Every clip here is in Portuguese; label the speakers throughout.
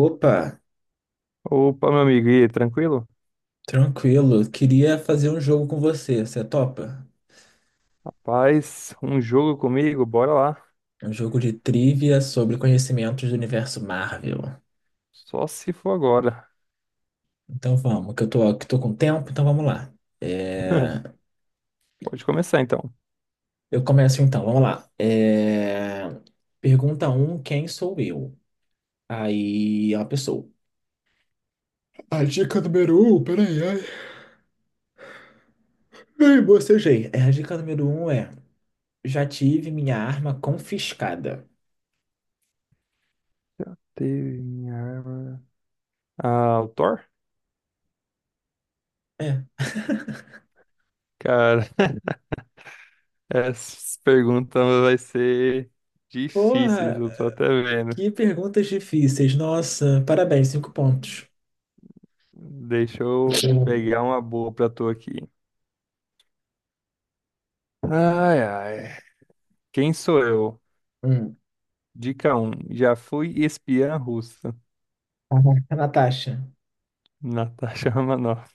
Speaker 1: Opa,
Speaker 2: Opa, meu amigo, e aí, tranquilo?
Speaker 1: tranquilo. Queria fazer um jogo com você. Você é topa?
Speaker 2: Rapaz, um jogo comigo, bora lá.
Speaker 1: Um jogo de trivia sobre conhecimentos do universo Marvel.
Speaker 2: Só se for agora.
Speaker 1: Então vamos, que tô com tempo, então vamos lá. É.
Speaker 2: Pode começar então.
Speaker 1: Eu começo então, vamos lá. Pergunta um: quem sou eu? Aí é uma pessoa. A dica número 1, peraí, ai. Ai, bocejei. A dica número 1 é: já tive minha arma confiscada.
Speaker 2: Teve minha arma. Ah, o Thor?
Speaker 1: É.
Speaker 2: Cara, essas perguntas vai ser difíceis,
Speaker 1: Porra!
Speaker 2: eu tô até vendo.
Speaker 1: Que perguntas difíceis. Nossa, parabéns, cinco pontos.
Speaker 2: Deixa eu pegar uma boa pra tu aqui. Ai, ai. Quem sou eu?
Speaker 1: Hum.
Speaker 2: Dica um. Já fui espiã russa.
Speaker 1: Natasha.
Speaker 2: Natasha Romanoff.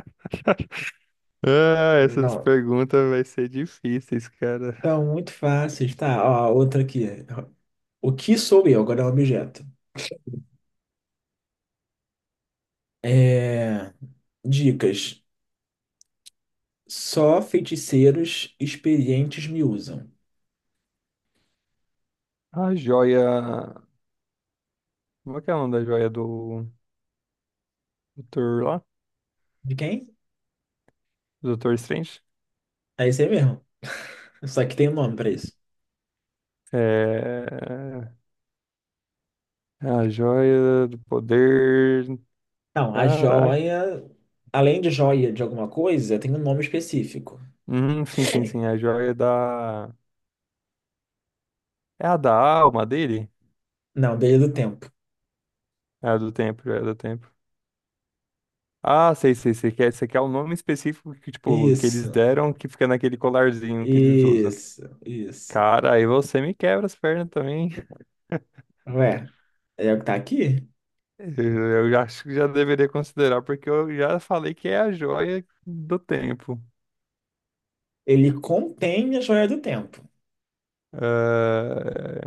Speaker 2: Ah, essas
Speaker 1: Não,
Speaker 2: perguntas vai ser difíceis, cara.
Speaker 1: então, muito fáceis. Tá, ó, outra aqui. O que sou eu? Agora é um objeto. É... Dicas. Só feiticeiros experientes me usam.
Speaker 2: A joia. Como é que é o nome da joia do Doutor lá?
Speaker 1: De quem?
Speaker 2: Do Doutor Strange?
Speaker 1: É isso aí mesmo. Só que tem um nome pra isso.
Speaker 2: É. É a joia do poder.
Speaker 1: Não, a
Speaker 2: Caraca.
Speaker 1: joia. Além de joia de alguma coisa, tem um nome específico.
Speaker 2: Sim, sim, sim. A joia da. É a da alma dele?
Speaker 1: Não, desde do tempo.
Speaker 2: É a do tempo, é a do tempo. Ah, sei, sei, sei. Esse aqui é o nome específico que, tipo, que eles
Speaker 1: Isso,
Speaker 2: deram, que fica naquele colarzinho que eles usam.
Speaker 1: isso, isso.
Speaker 2: Cara, aí você me quebra as pernas também.
Speaker 1: Ué, é o que tá aqui.
Speaker 2: Eu já acho que já deveria considerar, porque eu já falei que é a joia do tempo.
Speaker 1: Ele contém a joia do tempo.
Speaker 2: Ah,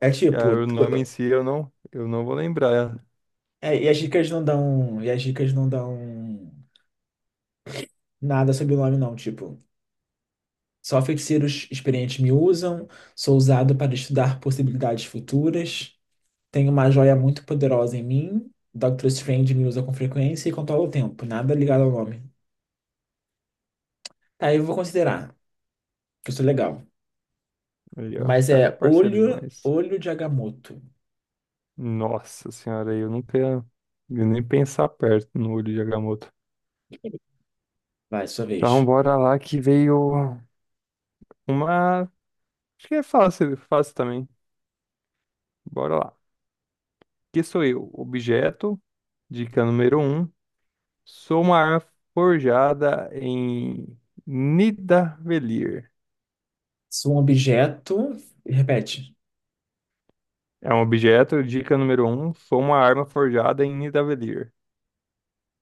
Speaker 1: É tipo,
Speaker 2: cara, o nome em si eu não vou lembrar.
Speaker 1: e as dicas não dão nada sobre o nome, não. Tipo, só feiticeiros experientes me usam, sou usado para estudar possibilidades futuras, tenho uma joia muito poderosa em mim, Doctor Strange me usa com frequência e controla o tempo. Nada ligado ao nome. Aí eu vou considerar, que isso é legal.
Speaker 2: Aí, ó, o
Speaker 1: Mas
Speaker 2: cara é
Speaker 1: é
Speaker 2: parceiro
Speaker 1: olho,
Speaker 2: demais.
Speaker 1: olho de Agamotto.
Speaker 2: Nossa senhora, eu nunca ia nem pensar perto no olho de Agamotto.
Speaker 1: Vai, sua
Speaker 2: Então,
Speaker 1: vez.
Speaker 2: bora lá que veio uma. Acho que é fácil, fácil também. Bora lá. Que sou eu? Objeto, dica número um. Sou uma arma forjada em Nidavellir.
Speaker 1: Sou um objeto. Repete.
Speaker 2: É um objeto, dica número um. Sou uma arma forjada em Nidavellir.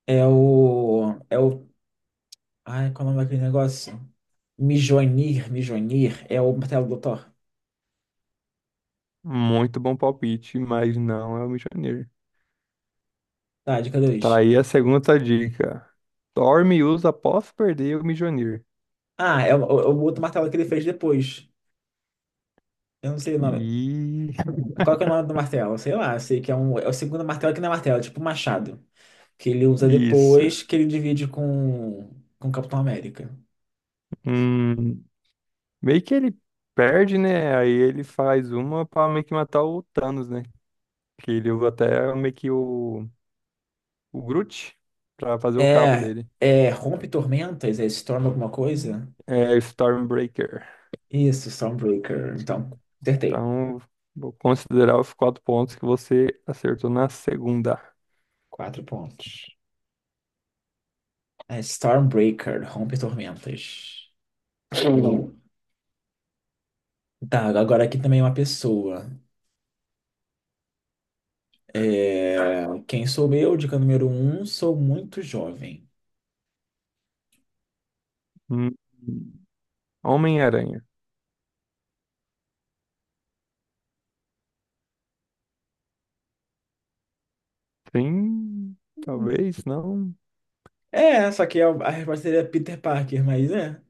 Speaker 1: É o. É o. Ai, qual é o nome daquele negócio? Mjolnir. É o martelo do Thor.
Speaker 2: Muito bom palpite, mas não é o Mjolnir.
Speaker 1: Tá, dica
Speaker 2: Tá
Speaker 1: dois.
Speaker 2: aí a segunda dica. Dorme e usa após perder o Mjolnir.
Speaker 1: Ah, é o outro martelo que ele fez depois. Eu não sei o nome.
Speaker 2: E...
Speaker 1: Qual que é o nome do martelo? Sei lá, eu sei que é um. É o segundo martelo que não é martelo, é tipo um machado. Que ele usa
Speaker 2: Isso.
Speaker 1: depois, que ele divide com. Com o Capitão América.
Speaker 2: Hum, meio que ele perde, né? Aí ele faz uma pra meio que matar o Thanos, né? Que ele usa até meio que o Groot pra fazer o cabo
Speaker 1: É.
Speaker 2: dele.
Speaker 1: É. Rompe Tormentas? É Storm alguma coisa?
Speaker 2: É Stormbreaker.
Speaker 1: Isso, Stormbreaker. Então, acertei.
Speaker 2: Então, vou considerar os 4 pontos que você acertou na segunda.
Speaker 1: Quatro pontos. É Stormbreaker, Rompe Tormentas. Hum. Tá, agora aqui também é uma pessoa. Quem sou eu? Dica número um, sou muito jovem.
Speaker 2: Hum, Homem-Aranha. Sim,
Speaker 1: Hum.
Speaker 2: talvez não.
Speaker 1: Só que a resposta seria Peter Parker, mas é.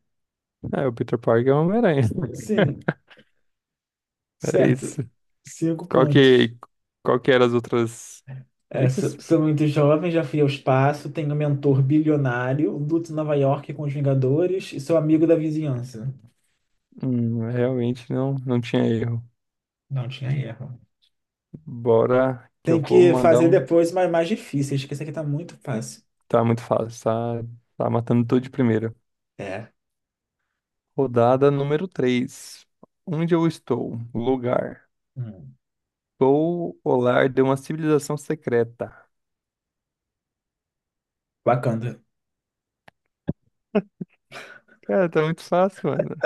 Speaker 2: É, o Peter Parker é o Homem-Aranha.
Speaker 1: Sim,
Speaker 2: É
Speaker 1: certo.
Speaker 2: isso.
Speaker 1: Cinco
Speaker 2: Qual
Speaker 1: pontos.
Speaker 2: que, qual que eram as outras
Speaker 1: É, sou,
Speaker 2: dicas?
Speaker 1: sou muito jovem, já fui ao espaço, tenho um mentor bilionário, luto em Nova York com os Vingadores e sou amigo da vizinhança.
Speaker 2: Realmente não tinha erro.
Speaker 1: Não tinha erro.
Speaker 2: Bora que eu
Speaker 1: Tem
Speaker 2: vou
Speaker 1: que
Speaker 2: mandar
Speaker 1: fazer
Speaker 2: um.
Speaker 1: depois mais difíceis, que esse aqui tá muito fácil.
Speaker 2: Tá muito fácil, tá, tá matando tudo de primeira.
Speaker 1: É.
Speaker 2: Rodada número três. Onde eu estou? Lugar.
Speaker 1: Hum.
Speaker 2: Sou o lar de uma civilização secreta.
Speaker 1: Wakanda.
Speaker 2: Cara, tá muito fácil, mano.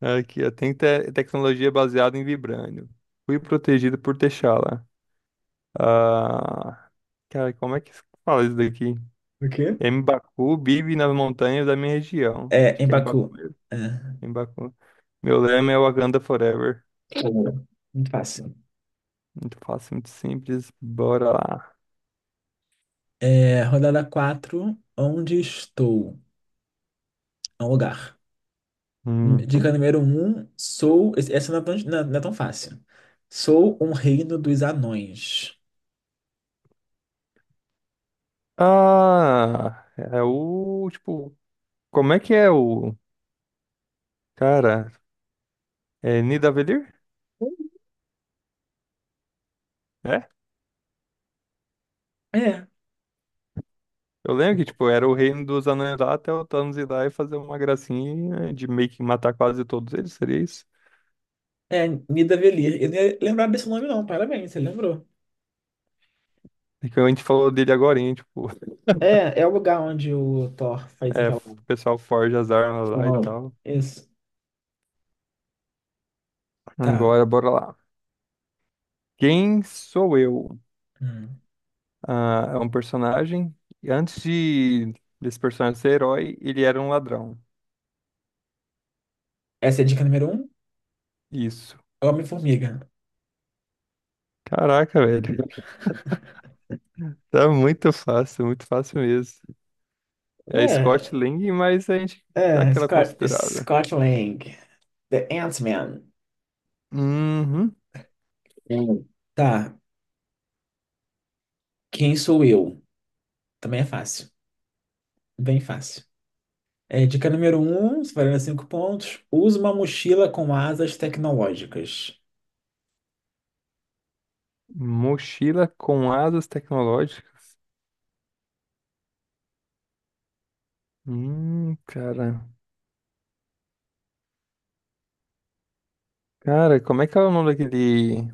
Speaker 2: Aqui, ó. Tem tecnologia baseada em vibrânio. Fui protegido por T'Challa. Ah, cara, como é que se fala isso daqui?
Speaker 1: O quê?
Speaker 2: M'Baku vive nas montanhas da minha região.
Speaker 1: É,
Speaker 2: Acho
Speaker 1: em
Speaker 2: que é M'Baku
Speaker 1: Baku.
Speaker 2: mesmo.
Speaker 1: É,
Speaker 2: M'Baku. Meu lema é Wakanda Forever.
Speaker 1: Uhum. Muito fácil.
Speaker 2: Muito fácil, muito simples. Bora lá.
Speaker 1: Rodada quatro. Onde estou? É um lugar.
Speaker 2: Uhum.
Speaker 1: Dica número um. Essa não é tão fácil. Sou um reino dos anões.
Speaker 2: Ah, é o, tipo, como é que é o, cara, é Nidavellir? É?
Speaker 1: É,
Speaker 2: Eu lembro que, tipo, era o reino dos anões lá até o Thanos ir lá e fazer uma gracinha de meio que matar quase todos eles, seria isso?
Speaker 1: é Nidavellir. Eu não ia lembrar desse nome, não. Parabéns, você lembrou.
Speaker 2: É que a gente falou dele agora, hein, tipo,
Speaker 1: É o lugar onde o Thor faz
Speaker 2: é, o
Speaker 1: aquela.
Speaker 2: pessoal forja as armas lá e
Speaker 1: Uau.
Speaker 2: tal.
Speaker 1: Isso. Tá.
Speaker 2: Agora, bora lá. Quem sou eu?
Speaker 1: Hum.
Speaker 2: Ah, é um personagem, e antes de desse personagem ser herói, ele era um ladrão.
Speaker 1: Essa é a dica número um.
Speaker 2: Isso.
Speaker 1: Homem-formiga.
Speaker 2: Caraca, velho. Tá muito fácil mesmo. É Scott
Speaker 1: É.
Speaker 2: Lang, mas a gente dá aquela
Speaker 1: Scott,
Speaker 2: considerada.
Speaker 1: Scott Lang, The Ant-Man.
Speaker 2: Uhum.
Speaker 1: Hum. Tá, quem sou eu? Também é fácil, bem fácil. Dica número um, valendo cinco pontos. Usa uma mochila com asas tecnológicas.
Speaker 2: Mochila com asas tecnológicas. Cara. Cara, como é que é o nome daquele.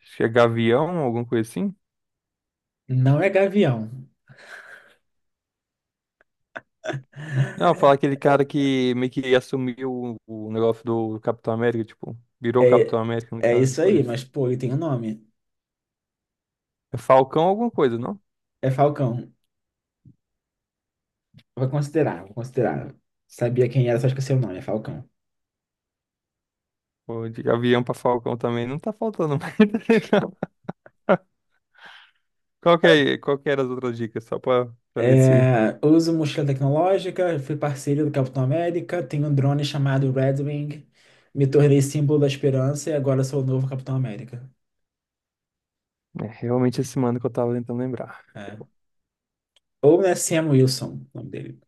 Speaker 2: Acho que é Gavião, alguma coisa assim?
Speaker 1: Não é gavião.
Speaker 2: Não, falar aquele cara que meio que assumiu o negócio do Capitão América, tipo, virou Capitão
Speaker 1: É,
Speaker 2: América no
Speaker 1: é
Speaker 2: caso
Speaker 1: isso aí,
Speaker 2: depois.
Speaker 1: mas pô, ele tem um nome.
Speaker 2: É Falcão alguma coisa, não?
Speaker 1: É Falcão. Vou considerar, vou considerar. Sabia quem era, só esqueci o nome, é Falcão.
Speaker 2: Pô, de Gavião pra Falcão também não tá faltando mais, não. Qual que era as outras dicas? Só pra ver se
Speaker 1: Uso mochila tecnológica, fui parceiro do Capitão América, tenho um drone chamado Red Wing, me tornei símbolo da esperança e agora sou o novo Capitão América.
Speaker 2: é realmente esse mano que eu tava tentando lembrar.
Speaker 1: É. Ou né, Sam Wilson, o nome dele.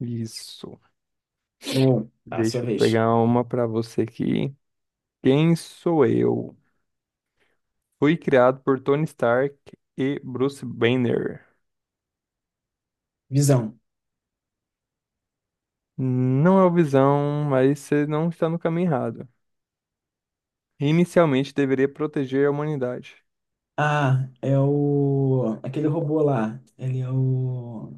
Speaker 2: Isso.
Speaker 1: Ou, tá, sua
Speaker 2: Deixa eu
Speaker 1: vez.
Speaker 2: pegar uma pra você aqui. Quem sou eu? Fui criado por Tony Stark e Bruce Banner.
Speaker 1: Visão.
Speaker 2: Não é o Visão, mas você não está no caminho errado. Inicialmente deveria proteger a humanidade.
Speaker 1: Ah, Aquele robô lá.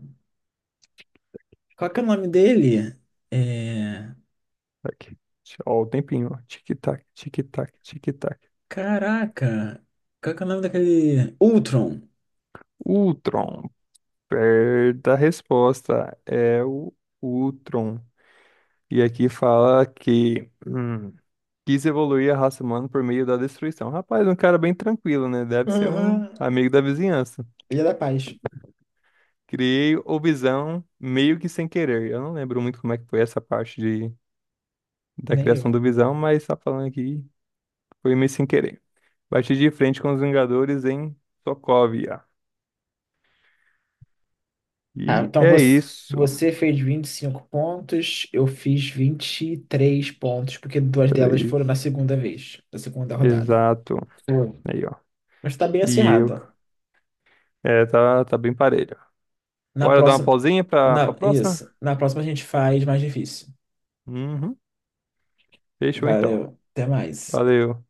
Speaker 1: Qual que é o nome dele? É...
Speaker 2: Aqui. Ó, o tempinho, ó. Tic-tac, tic-tac, tic-tac.
Speaker 1: Caraca. Qual que é o nome daquele... Ultron.
Speaker 2: Ultron. Perda a resposta. É o Ultron. E aqui fala que quis evoluir a raça humana por meio da destruição. Rapaz, um cara bem tranquilo, né? Deve ser um
Speaker 1: Aham.
Speaker 2: amigo da vizinhança.
Speaker 1: Ele é da paz.
Speaker 2: Criei o Visão meio que sem querer. Eu não lembro muito como é que foi essa da
Speaker 1: Nem
Speaker 2: criação do
Speaker 1: eu.
Speaker 2: Visão, mas tá falando aqui que foi meio sem querer. Bati de frente com os Vingadores em Sokovia.
Speaker 1: Ah,
Speaker 2: E
Speaker 1: então
Speaker 2: é
Speaker 1: você,
Speaker 2: isso.
Speaker 1: você fez 25 pontos, eu fiz 23 pontos, porque duas delas foram
Speaker 2: Três.
Speaker 1: na segunda vez, na segunda rodada.
Speaker 2: Exato.
Speaker 1: Hum.
Speaker 2: Aí, ó.
Speaker 1: Mas tá bem
Speaker 2: E eu.
Speaker 1: acirrada.
Speaker 2: É, tá, tá bem parelho.
Speaker 1: Na
Speaker 2: Bora dar uma
Speaker 1: próxima,
Speaker 2: pausinha pra próxima?
Speaker 1: isso, na próxima a gente faz mais difícil.
Speaker 2: Uhum. Fechou então.
Speaker 1: Valeu, até mais.
Speaker 2: Valeu.